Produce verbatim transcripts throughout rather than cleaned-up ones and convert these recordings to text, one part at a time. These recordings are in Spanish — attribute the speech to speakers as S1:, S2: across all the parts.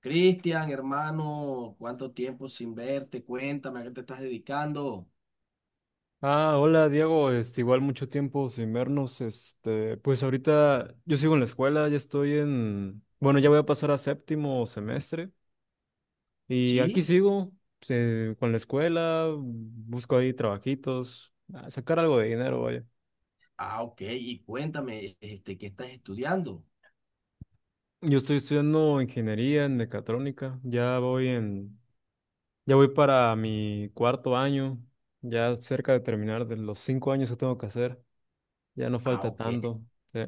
S1: Cristian, hermano, ¿cuánto tiempo sin verte? Cuéntame, ¿a qué te estás dedicando?
S2: Ah, hola Diego, este, igual mucho tiempo sin vernos, este, pues ahorita yo sigo en la escuela, ya estoy en, bueno, ya voy a pasar a séptimo semestre y aquí
S1: ¿Sí?
S2: sigo eh, con la escuela, busco ahí trabajitos, a sacar algo de dinero, vaya.
S1: Ah, ok. Y cuéntame, este, ¿qué estás estudiando?
S2: Yo estoy estudiando ingeniería en mecatrónica, ya voy en, ya voy para mi cuarto año, ya cerca de terminar de los cinco años que tengo que hacer, ya no
S1: Ah,
S2: falta
S1: ok.
S2: tanto, sí.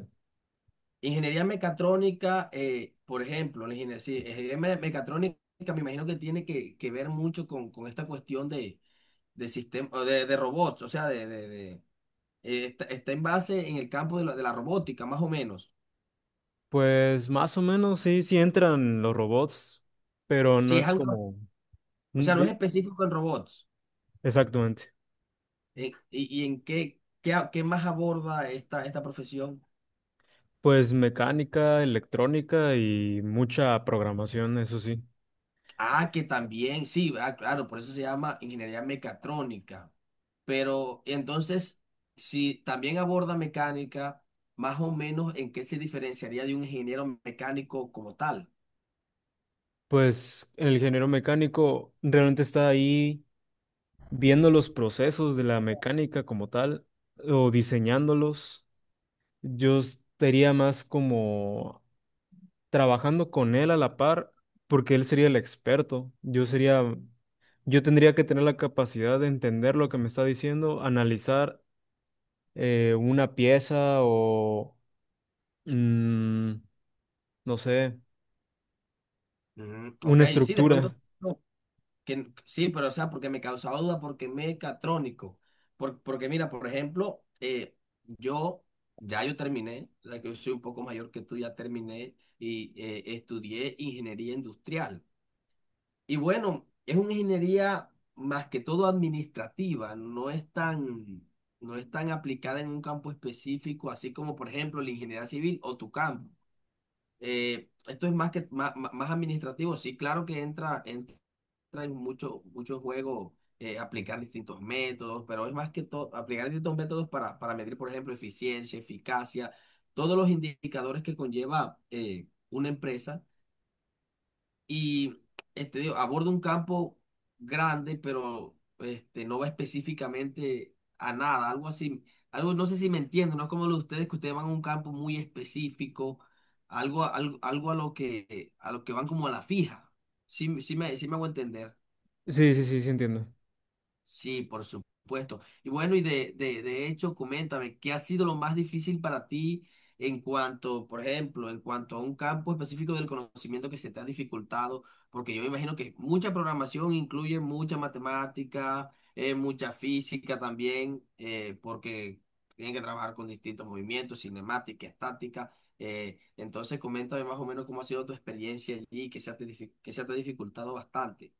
S1: Ingeniería mecatrónica, eh, por ejemplo, la ingeniería, sí, ingeniería me- mecatrónica me imagino que tiene que, que ver mucho con, con esta cuestión de, de sistema, de, de robots, o sea, de, de- de, eh, está, está en base en el campo de la, de la robótica, más o menos.
S2: Pues más o menos sí, sí entran los robots, pero no
S1: Sí, es
S2: es
S1: algo,
S2: como...
S1: o
S2: Mm,
S1: sea, no es
S2: di-
S1: específico en robots.
S2: Exactamente.
S1: Eh, ¿Y, y en qué, qué, a- qué más aborda esta, esta profesión?
S2: Pues mecánica, electrónica y mucha programación, eso sí.
S1: Ah, que también, sí, ah, claro, por eso se llama ingeniería mecatrónica. Pero entonces, si también aborda mecánica, más o menos en qué se diferenciaría de un ingeniero mecánico como tal.
S2: Pues el ingeniero mecánico realmente está ahí viendo los procesos de la mecánica como tal o diseñándolos. Yo estaría más como trabajando con él a la par porque él sería el experto. Yo sería Yo tendría que tener la capacidad de entender lo que me está diciendo, analizar eh, una pieza o, mm, no sé,
S1: Ujú, Ok,
S2: una
S1: sí, de pronto.
S2: estructura.
S1: no, Que, sí, pero o sea, porque me causaba duda, porque mecatrónico. Por- porque mira, por ejemplo, eh, yo ya yo terminé, o sea, que yo soy un poco mayor que tú, ya terminé y eh, estudié ingeniería industrial. Y bueno, es una ingeniería más que todo administrativa, no es tan, no es tan aplicada en un campo específico, así como por ejemplo la ingeniería civil o tu campo. Eh, esto es más que más, más administrativo, sí, claro que entra, entra en mucho, mucho juego, eh, aplicar distintos métodos, pero es más que todo aplicar distintos métodos para, para medir, por ejemplo, eficiencia, eficacia, todos los indicadores que conlleva, eh, una empresa y, este, digo, aborda un campo grande, pero, este, no va específicamente a nada, algo así. Algo, no sé si me entienden, no es como lo de ustedes, que ustedes van a un campo muy específico, algo, a- algo, algo a lo que, a lo que van como a la fija. Sí, sí me, sí me hago entender.
S2: Sí, sí, sí, sí entiendo.
S1: Sí, por supuesto. Y bueno, y de, de, de hecho, coméntame, ¿qué ha sido lo más difícil para ti en cuanto, por ejemplo, en cuanto a un campo específico del conocimiento que se te ha dificultado? Porque yo me imagino que mucha programación incluye mucha matemática, eh, mucha física también, eh, porque tienen que trabajar con distintos movimientos, cinemática, estática. eh, entonces, coméntame más o menos cómo ha sido tu experiencia allí, que se ha te dific- que se te ha dificultado bastante.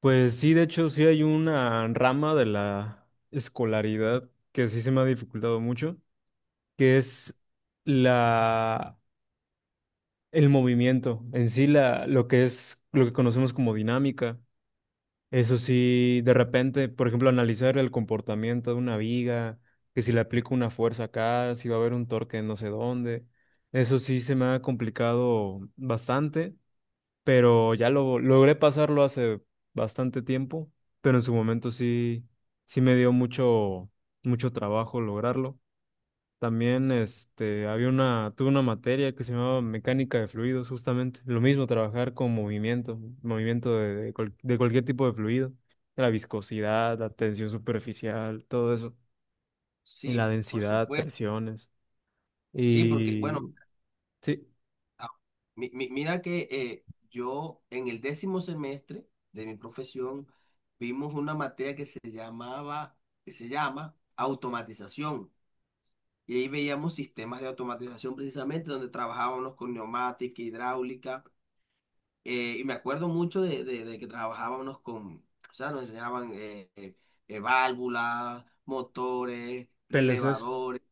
S2: Pues sí, de hecho, sí hay una rama de la escolaridad que sí se me ha dificultado mucho, que es la, el movimiento, en sí la, lo que es, lo que conocemos como dinámica. Eso sí, de repente, por ejemplo, analizar el comportamiento de una viga, que si le aplico una fuerza acá, si va a haber un torque en no sé dónde. Eso sí se me ha complicado bastante, pero ya lo logré pasarlo hace bastante tiempo, pero en su momento sí, sí me dio mucho, mucho trabajo lograrlo. También este, había una, tuve una materia que se llamaba mecánica de fluidos, justamente. Lo mismo, trabajar con movimiento, movimiento de, de cual- de cualquier tipo de fluido. La viscosidad, la tensión superficial, todo eso. Y
S1: Sí,
S2: la
S1: por
S2: densidad,
S1: supuesto.
S2: presiones.
S1: Sí, porque, bueno,
S2: Y sí,
S1: ah, mi- mi- mira que eh, yo en el décimo semestre de mi profesión vimos una materia que se llamaba, que se llama automatización. Y ahí veíamos sistemas de automatización precisamente donde trabajábamos con neumática, hidráulica. eh, y me acuerdo mucho de, de- de que trabajábamos con, o sea, nos enseñaban, eh, eh, eh, válvulas, motores,
S2: P L Cs.
S1: relevadores,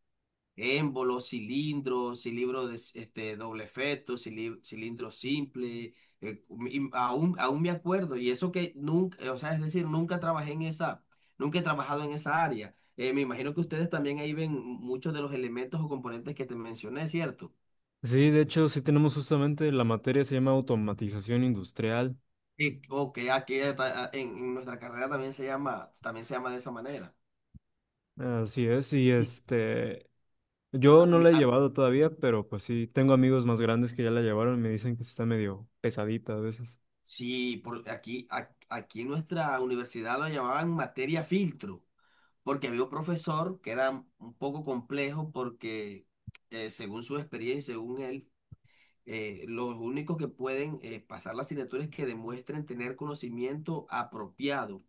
S1: émbolos, cilindros, cilindros de, c- este, doble feto, cili- cilindro simple. eh, y aún, aún me acuerdo, y eso que nunca, o sea, es decir, nunca trabajé en esa, nunca he trabajado en esa área. Eh, me imagino que ustedes también ahí ven muchos de los elementos o componentes que te mencioné, ¿cierto?
S2: Sí, de hecho, sí tenemos justamente la materia se llama automatización industrial.
S1: Y, o que aquí ata- en, en nuestra carrera también se llama, también se llama de esa manera.
S2: Así es, y
S1: Y
S2: este, Yo
S1: a
S2: no
S1: mí-
S2: la he
S1: a-
S2: llevado todavía, pero pues sí, tengo amigos más grandes que ya la llevaron y me dicen que está medio pesadita a veces.
S1: sí, por aquí, a- aquí en nuestra universidad lo llamaban materia filtro. Porque había un profesor que era un poco complejo porque, eh, según su experiencia, según él, eh, los únicos que pueden, eh, pasar la asignatura es que demuestren tener conocimiento apropiado.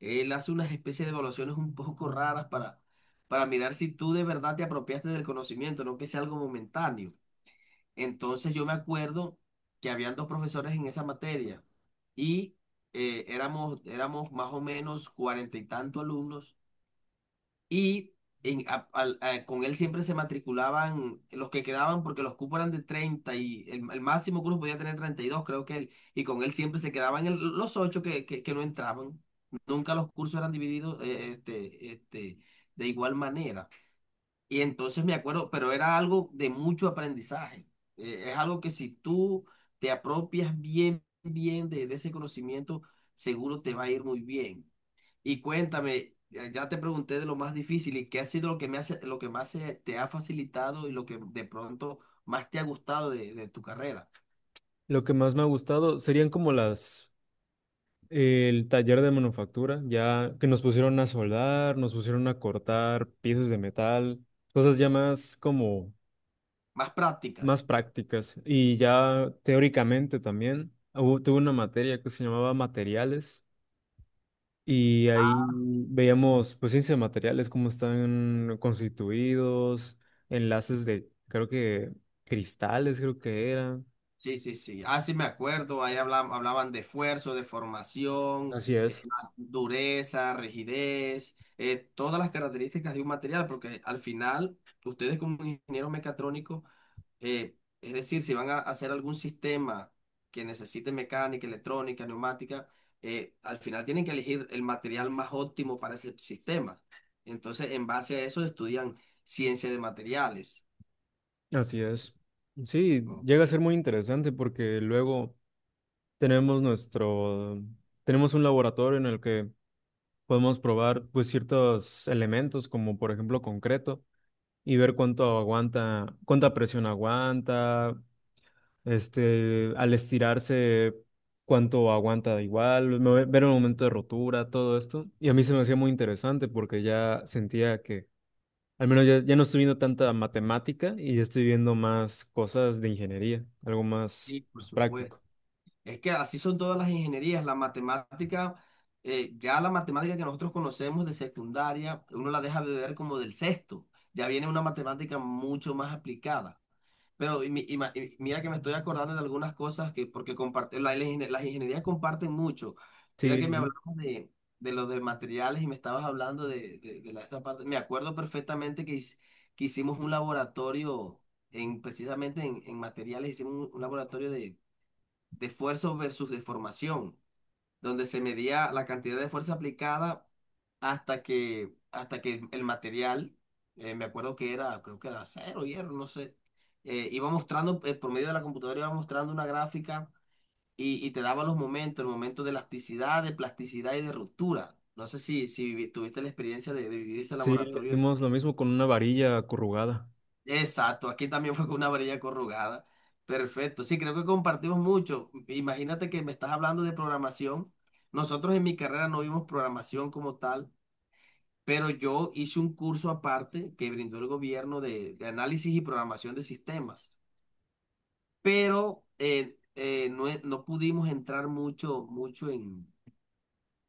S1: Él hace unas especies de evaluaciones un poco raras para, para mirar si tú de verdad te apropiaste del conocimiento, no que sea algo momentáneo. Entonces yo me acuerdo que habían dos profesores en esa materia y, eh, éramos, éramos más o menos cuarenta y tantos alumnos y en- a- al- a- con él siempre se matriculaban los que quedaban porque los cupos eran de treinta y el, el máximo que uno podía tener treinta y dos creo que él. Y con él siempre se quedaban el- los ocho que, que, que no entraban. Nunca los cursos eran divididos, eh, este, este, de igual manera. Y entonces me acuerdo, pero era algo de mucho aprendizaje. Eh, es algo que si tú te apropias bien, bien de, de ese conocimiento, seguro te va a ir muy bien. Y cuéntame, ya ya te pregunté de lo más difícil y qué ha sido lo que me hace, lo que más, eh, te ha facilitado y lo que de pronto más te ha gustado de, de tu carrera.
S2: Lo que más me ha gustado serían como las, eh, el taller de manufactura, ya que nos pusieron a soldar, nos pusieron a cortar piezas de metal, cosas ya más como,
S1: Más prácticas.
S2: más prácticas. Y ya teóricamente también, hubo- tuve una materia que se llamaba materiales, Y ahí veíamos, pues, ciencia de materiales, cómo están constituidos, enlaces de, creo que, cristales, creo que eran.
S1: Sí, sí, sí. Ah, sí, me acuerdo. Ahí hablaban, hablaban de esfuerzo, de formación,
S2: Así
S1: eh,
S2: es.
S1: dureza, rigidez, eh, todas las características de un material, porque al final ustedes como ingenieros mecatrónicos, Eh, es decir, si van a hacer algún sistema que necesite mecánica, electrónica, neumática, eh, al final tienen que elegir el material más óptimo para ese sistema. Entonces, en base a eso estudian ciencia de materiales.
S2: Así es. Sí,
S1: Oh,
S2: llega a ser muy interesante porque luego tenemos nuestro, tenemos un laboratorio en el que podemos probar pues ciertos elementos como por ejemplo concreto y ver cuánto aguanta, cuánta presión aguanta, Este, al estirarse, cuánto aguanta igual, me- ver el momento de rotura, todo esto. Y a mí se me hacía muy interesante porque ya sentía que, al menos ya, ya no estoy viendo tanta matemática y ya estoy viendo más cosas de ingeniería, algo más
S1: sí, por
S2: pues,
S1: supuesto.
S2: práctico.
S1: Es que así son todas las ingenierías. La matemática, eh, ya la matemática que nosotros conocemos de secundaria, uno la deja de ver como del sexto. Ya viene una matemática mucho más aplicada. Pero y mi- y ma- y mira que me estoy acordando de algunas cosas que, porque comparte, la- la ingen- las ingenierías comparten mucho. Mira
S2: Sí,
S1: que
S2: sí,
S1: me hablabas
S2: sí.
S1: de, de los de materiales y me estabas hablando de, de, de la- esta parte. Me acuerdo perfectamente que, hic- que hicimos un laboratorio en, precisamente en, en materiales, hicimos un, un laboratorio de, de esfuerzo versus deformación donde se medía la cantidad de fuerza aplicada hasta que, hasta que el material, eh, me acuerdo que era, creo que era acero, hierro, no sé, eh, iba mostrando, eh, por medio de la computadora iba mostrando una gráfica y, y te daba los momentos, el momento de elasticidad, de plasticidad y de ruptura. No sé si, si vi- tuviste la experiencia de, de vivir ese
S2: Sí, le
S1: laboratorio.
S2: hicimos lo mismo con una varilla acurrugada.
S1: Exacto, aquí también fue con una varilla corrugada. Perfecto, sí, creo que compartimos mucho. Imagínate que me estás hablando de programación. Nosotros en mi carrera no vimos programación como tal, pero yo hice un curso aparte que brindó el gobierno de, de análisis y programación de sistemas. Pero, eh, eh, no, e- no pudimos entrar mucho, mucho en,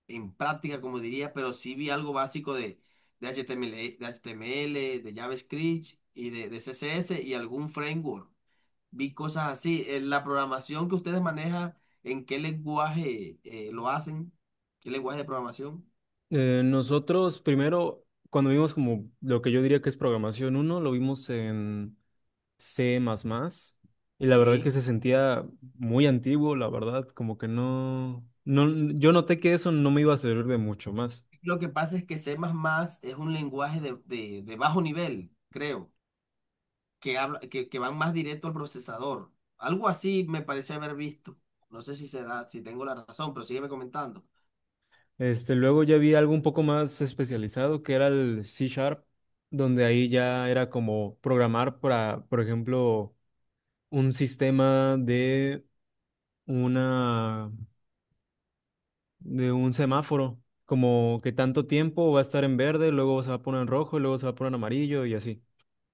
S1: en práctica, como diría, pero sí vi algo básico de, de H T M L, de H T M L, de JavaScript y de de C S S y algún framework vi cosas así. Eh, La programación que ustedes manejan, ¿en qué lenguaje eh, lo hacen? ¿Qué lenguaje de programación?
S2: Eh, nosotros primero, cuando vimos como lo que yo diría que es programación uno lo vimos en C++, y la verdad que
S1: Sí.
S2: se sentía muy antiguo, la verdad, como que no, no, yo noté que eso no me iba a servir de mucho más.
S1: Lo que pasa es que C más más es un lenguaje de, de- de bajo nivel, creo, que habla, que, que van más directo al procesador. Algo así me pareció haber visto. No sé si será, si tengo la razón, pero sígueme comentando.
S2: Este, luego ya vi algo un poco más especializado, que era el C Sharp, donde ahí ya era como programar para, por ejemplo, un sistema de una de un semáforo, como que tanto tiempo va a estar en verde, luego se va a poner en rojo, y luego se va a poner en amarillo y así.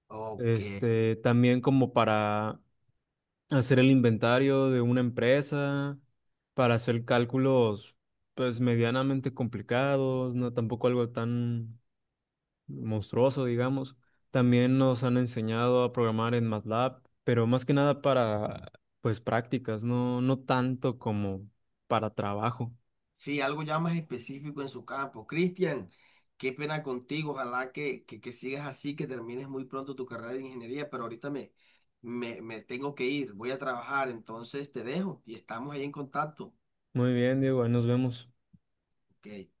S1: Ok.
S2: Este, también como para hacer el inventario de una empresa, para hacer cálculos pues medianamente complicados, no tampoco algo tan monstruoso, digamos. También nos han enseñado a programar en MATLAB, pero más que nada para pues prácticas, no no tanto como para trabajo.
S1: Sí, algo ya más específico en su campo. Cristian, qué pena contigo. Ojalá que, que, que sigas así, que termines muy pronto tu carrera de ingeniería, pero ahorita me, me, me tengo que ir, voy a trabajar, entonces te dejo y estamos ahí en contacto.
S2: Muy bien, Diego, ahí nos vemos.
S1: Ok.